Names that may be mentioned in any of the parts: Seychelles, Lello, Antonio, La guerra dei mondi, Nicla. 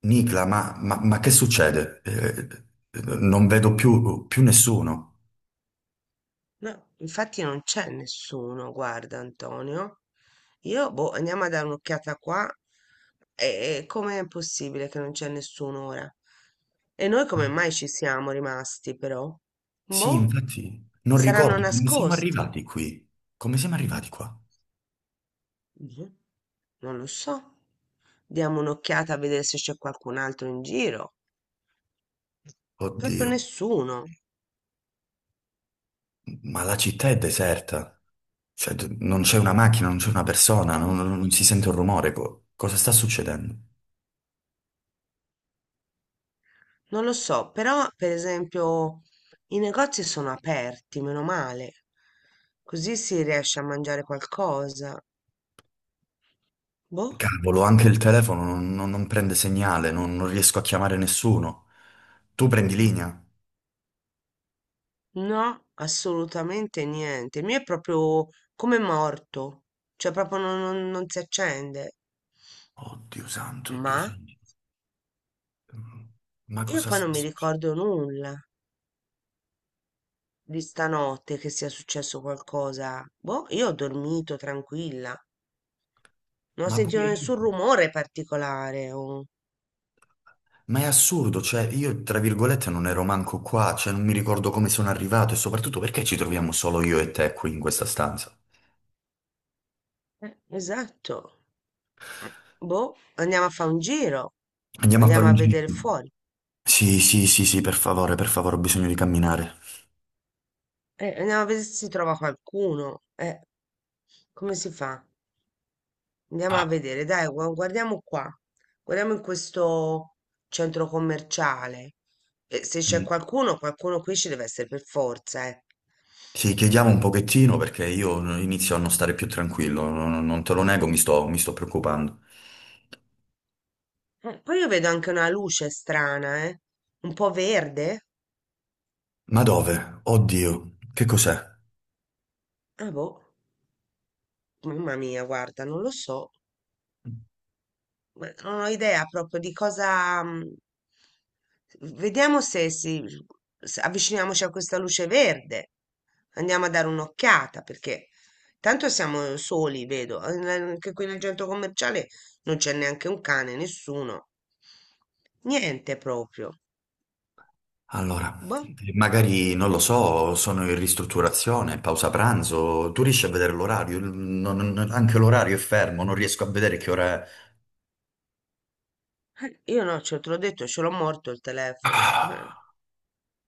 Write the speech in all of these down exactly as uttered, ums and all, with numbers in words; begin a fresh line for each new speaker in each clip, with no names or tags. Nicla, ma, ma- ma che succede? Eh, non vedo più, più nessuno.
No, infatti non c'è nessuno, guarda Antonio. Io, boh, andiamo a dare un'occhiata qua. E, e com'è possibile che non c'è nessuno ora? E noi come
Ah,
mai ci siamo rimasti, però?
Sì,
Boh,
infatti, non
saranno
ricordo come siamo
nascosti.
arrivati qui. Come siamo arrivati qua?
Boh, non lo so. Diamo un'occhiata a vedere se c'è qualcun altro in giro. Proprio
Oddio,
nessuno.
ma la città è deserta. Cioè, d- non c'è una macchina, non c'è una persona, non, non- non si sente un rumore. Co- cosa sta succedendo?
Non lo so, però per esempio i negozi sono aperti, meno male. Così si riesce a mangiare qualcosa. Boh,
Cavolo, anche il telefono non, non- non prende segnale, non, non riesco a chiamare nessuno. Tu prendi linea?
no, assolutamente niente. Il mio è proprio come morto, cioè proprio non, non- non si accende.
Oddio santo, oddio
Ma
santo. Ma
io
cosa
poi non
sta
mi
succedendo?
ricordo nulla di stanotte che sia successo qualcosa. Boh, io ho dormito tranquilla, non ho
Ma pure
sentito
io.
nessun rumore particolare. O-
Ma è assurdo, cioè io tra virgolette non ero manco qua, cioè non mi ricordo come sono arrivato e soprattutto perché ci troviamo solo io e te qui in questa stanza.
eh, esatto. Eh, Boh, andiamo a fare un giro,
Andiamo a fare
andiamo a
un giro.
vedere fuori,
Sì, sì, sì, sì, per favore, per favore, ho bisogno di camminare.
eh, andiamo a vedere se si trova qualcuno. Eh, come si fa? Andiamo a
Ah,
vedere, dai, gu- guardiamo qua, guardiamo in questo centro commerciale. Eh, se c'è
sì.
qualcuno, qualcuno qui ci deve essere per forza, eh.
Sì, chiediamo un pochettino perché io inizio a non stare più tranquillo, non, non te lo nego, mi sto, mi sto preoccupando.
Eh, poi io vedo anche una luce strana, eh, un po' verde.
Ma dove? Oddio, che cos'è?
Ah, boh, mamma mia, guarda, non lo so. Beh, non ho idea proprio di cosa. mm, Vediamo se, si, se avviciniamoci a questa luce verde. Andiamo a dare un'occhiata perché tanto siamo soli, vedo. eh, n- Anche qui nel centro commerciale non c'è neanche un cane, nessuno. Niente proprio.
Allora,
Boh,
magari non lo so, sono in ristrutturazione, pausa pranzo, tu riesci a vedere l'orario? Non- non- anche l'orario è fermo, non riesco a vedere che ora è.
eh, io no, ce te l'ho detto, ce l'ho morto il telefono. eh,
Ah.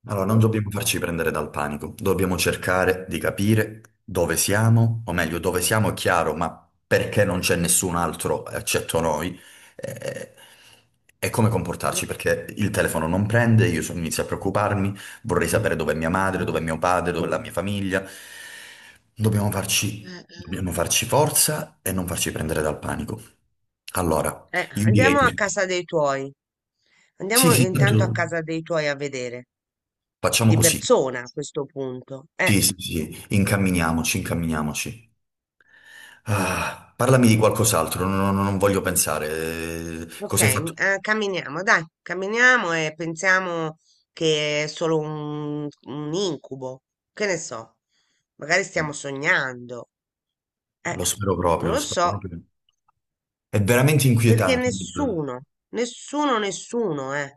Allora, non
Boh.
dobbiamo farci prendere dal panico, dobbiamo cercare di capire dove siamo, o meglio, dove siamo è chiaro, ma perché non c'è nessun altro eccetto noi, eh, e come comportarci,
Eh,
perché il telefono non prende, io so- inizio a preoccuparmi, vorrei sapere dove è mia madre, dove è mio padre, dove è la mia famiglia. Dobbiamo farci,
Eh, eh,
dobbiamo farci forza e non farci prendere dal panico. Allora,
Eh,
io direi
andiamo a
così.
casa dei tuoi.
Sì,
Andiamo
sì,
intanto a
tanto
casa dei tuoi a vedere
facciamo
di
così.
persona a questo punto. Eh,
Sì, sì, sì, incamminiamoci, incamminiamoci. Ah, parlami di qualcos'altro, non, non- non voglio pensare. Eh,
ok,
Cosa hai fatto?
eh, camminiamo, dai, camminiamo e pensiamo che è solo un, un incubo. Che ne so, magari stiamo sognando. Eh,
Lo spero proprio,
non
lo
lo
spero
so,
proprio. È veramente
perché
inquietante.
nessuno, nessuno, nessuno, eh.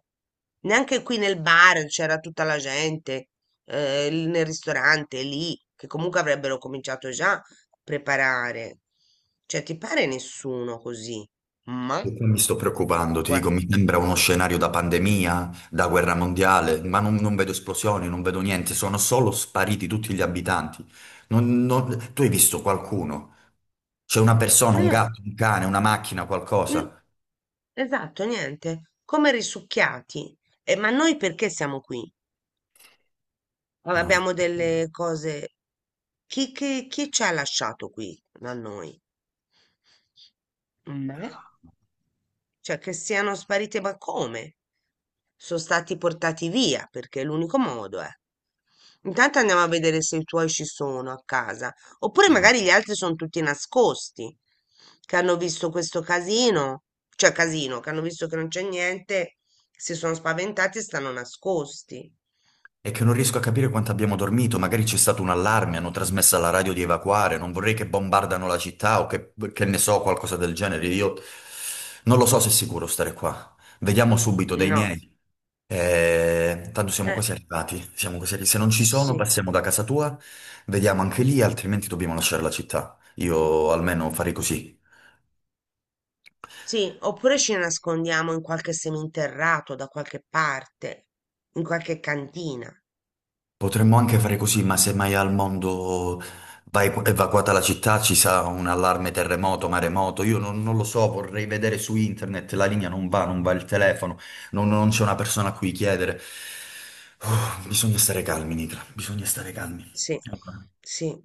Neanche qui nel bar c'era tutta la gente, eh, l- nel ristorante lì, che comunque avrebbero cominciato già a preparare. Cioè, ti pare nessuno così? Ma?
E qua mi sto preoccupando, ti dico,
Guarda,
mi sembra uno scenario da pandemia, da guerra mondiale, ma non, non vedo esplosioni, non vedo niente, sono solo spariti tutti gli abitanti. Non- non- Tu hai visto qualcuno? C'è una persona, un
no,
gatto, un cane, una macchina,
n-
qualcosa?
esatto, niente, come risucchiati. Eh, ma noi perché siamo qui? Ah,
Non
abbiamo delle cose. Chi, chi, chi ci ha lasciato qui da noi? Me? Cioè che siano sparite, ma come? Sono stati portati via perché è l'unico modo, eh. Intanto andiamo a vedere se i tuoi ci sono a casa, oppure
ricordo.
magari gli altri sono tutti nascosti, che hanno visto questo casino, cioè casino, che hanno visto che non c'è niente, si sono spaventati e stanno nascosti.
È che non riesco a capire quanto abbiamo dormito, magari c'è stato un allarme, hanno trasmesso alla radio di evacuare, non vorrei che bombardano la città o che, che ne so, qualcosa del genere. Io non lo so se è sicuro stare qua. Vediamo subito dai
No,
miei. Eh, tanto siamo
eh,
quasi arrivati, siamo quasi arri- se non ci sono,
sì,
passiamo da casa tua, vediamo anche lì, altrimenti dobbiamo lasciare la città. Io almeno farei così.
sì, oppure ci nascondiamo in qualche seminterrato da qualche parte, in qualche cantina.
Potremmo anche fare così, ma se mai al mondo va evacuata la città ci sarà un allarme terremoto, maremoto, io non, non lo so, vorrei vedere su internet, la linea non va, non va il telefono, non, non c'è una persona a cui chiedere. Uh, bisogna stare calmi, Nicla, bisogna stare calmi.
Sì,
Allora,
sì,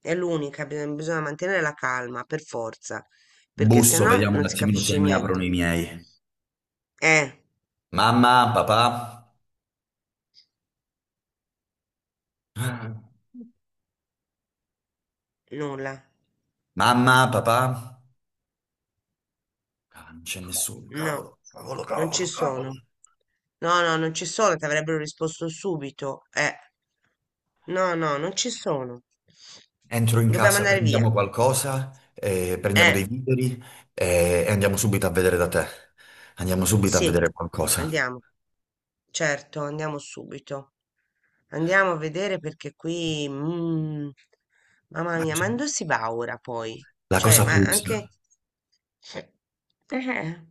è l'unica, bi- bisogna mantenere la calma per forza, perché se
busso,
no
vediamo un
non si
attimino se
capisce
mi aprono
niente.
i miei.
Eh,
Mamma, papà?
nulla,
Mamma, papà? Ah, non c'è nessuno,
no,
cavolo, cavolo,
non ci
cavolo, cavolo.
sono. No, no, non ci sono, ti avrebbero risposto subito. Eh, no, no, non ci sono.
Entro in
Dobbiamo
casa,
andare via.
prendiamo qualcosa, eh, prendiamo dei
Eh.
viveri eh, e andiamo subito a vedere da te. Andiamo subito a
Sì,
vedere qualcosa.
andiamo. Certo, andiamo subito. Andiamo a vedere perché qui, mm, mamma mia, ma non si va ora poi?
La
Cioè,
cosa
ma
puzza,
anche... Eh. Eh,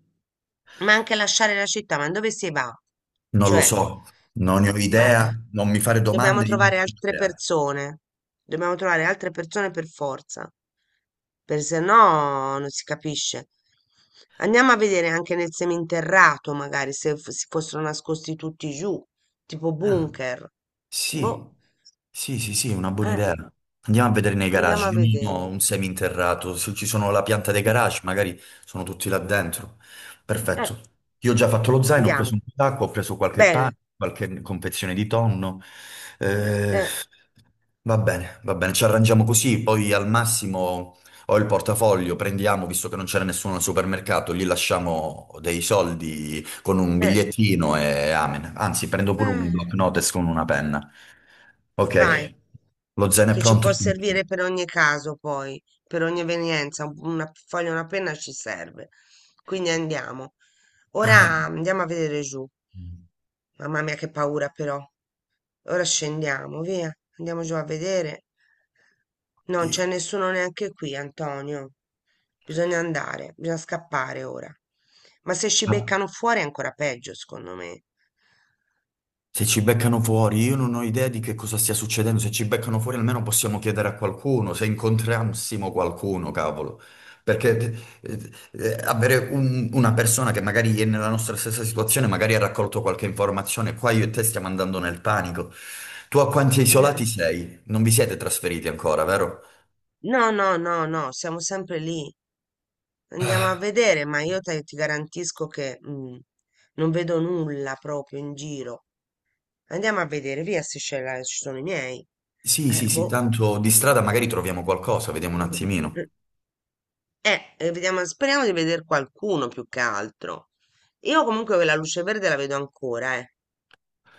ma anche lasciare la città, ma dove si va?
non lo
Cioè,
so, non ne ho idea,
eh,
non mi fare
dobbiamo
domande, io non
trovare
ne ho
altre
idea.
persone, dobbiamo trovare altre persone per forza, per se no non si capisce. Andiamo a vedere anche nel seminterrato, magari se f- si fossero nascosti tutti giù, tipo
Ah.
bunker.
Sì,
Boh,
sì, sì, sì, è una buona
eh,
idea. Andiamo a vedere nei
andiamo
garage.
a
Io non
vedere.
ho un seminterrato. Se ci sono la pianta dei garage, magari sono tutti là dentro.
Eh,
Perfetto. Io ho già fatto lo zaino, ho preso
andiamo.
un po' d'acqua, ho preso qualche
Bene.
pane, qualche confezione di tonno. Eh,
Eh,
va bene, va bene, ci arrangiamo così. Poi al massimo. Ho il portafoglio, prendiamo, visto che non c'era nessuno al supermercato, gli lasciamo dei soldi con un
eh,
bigliettino e amen. Anzi, prendo pure un block
eh,
notes con una penna.
vai.
Ok, lo zen è
Che ci
pronto.
può servire per ogni caso, poi, per ogni evenienza, un- una foglia, una penna ci serve. Quindi andiamo. Ora
Ah,
andiamo a vedere giù. Mamma mia, che paura però. Ora scendiamo, via. Andiamo giù a vedere. Non
Dio.
c'è nessuno neanche qui, Antonio. Bisogna andare, bisogna scappare ora. Ma se ci
Ah.
beccano fuori è ancora peggio, secondo me.
Se ci beccano fuori, io non ho idea di che cosa stia succedendo. Se ci beccano fuori, almeno possiamo chiedere a qualcuno, se incontrassimo qualcuno, cavolo. Perché eh, eh, Avere un- una persona che magari è nella nostra stessa situazione, magari ha raccolto qualche informazione, qua io e te stiamo andando nel panico. Tu a quanti
Eh.
isolati sei? Non vi siete trasferiti ancora, vero?
No, no, no, no, siamo sempre lì. Andiamo a vedere, ma io te- ti garantisco che mm, non vedo nulla proprio in giro. Andiamo a vedere, via Seychelles, ci sono i miei.
Sì,
Eh,
sì, sì,
boh.
tanto di strada magari troviamo qualcosa, vediamo un attimino.
Eh, eh, vediamo, speriamo di vedere qualcuno più che altro. Io comunque la luce verde la vedo ancora, eh.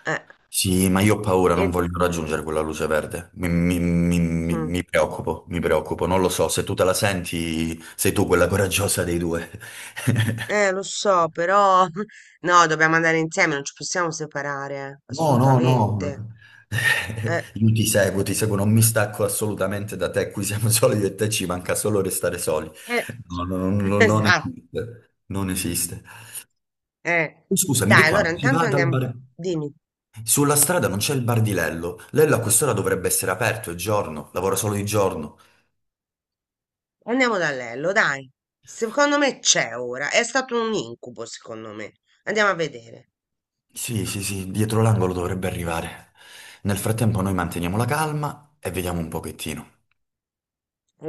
Eh,
Sì, ma io ho paura, non
e-
voglio raggiungere quella luce verde. Mi, mi- mi- mi-
mm.
mi preoccupo, mi preoccupo. Non lo so, se tu te la senti, sei tu quella coraggiosa dei due.
Eh, lo so, però no, dobbiamo andare insieme, non ci possiamo separare, eh,
No, no,
assolutamente.
no.
Eh,
Io ti seguo, ti seguo, non mi stacco assolutamente da te. Qui siamo solo io e te, ci manca solo restare soli.
eh,
No, no, no, no, non
esatto.
esiste. Non esiste.
Eh,
Oh, scusami, di
dai,
qua
allora
si va
intanto
dal
andiamo,
bar.
dimmi,
Sulla strada non c'è il bar di Lello. Lello a quest'ora dovrebbe essere aperto, è giorno, lavora solo di giorno.
andiamo da Lello, dai. Secondo me c'è ora, è stato un incubo, secondo me. Andiamo a vedere.
Sì, sì, sì, dietro l'angolo dovrebbe arrivare. Nel frattempo noi manteniamo la calma e vediamo un pochettino.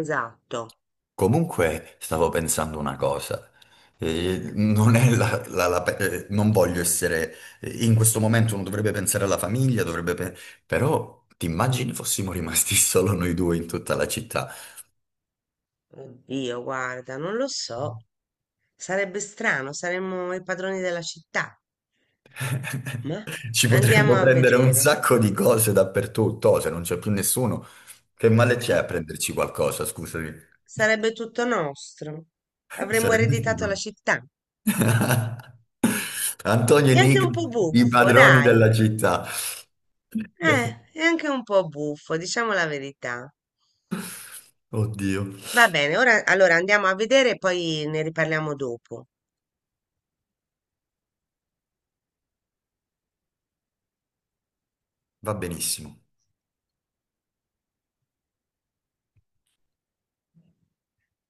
Esatto.
Comunque, stavo pensando una cosa. Eh, non è la, la- la pe- eh, non voglio essere... eh, In questo momento uno dovrebbe pensare alla famiglia, dovrebbe... pe- Però ti immagini fossimo rimasti solo noi due in tutta la città?
Oddio, guarda, non lo so. Sarebbe strano, saremmo i padroni della città. Ma
Ci
andiamo
potremmo
a
prendere un
vedere.
sacco di cose dappertutto, oh, se non c'è più nessuno. Che male c'è
Eh,
a prenderci qualcosa, scusami?
sarebbe tutto nostro. Avremmo
Sarebbe
ereditato la
figo.
città.
Antonio e
È anche un
Nicola,
po'
i
buffo,
padroni
dai.
della città.
Eh, è anche un po' buffo, diciamo la verità.
Oddio,
Va bene, ora allora andiamo a vedere e poi ne riparliamo dopo.
va benissimo.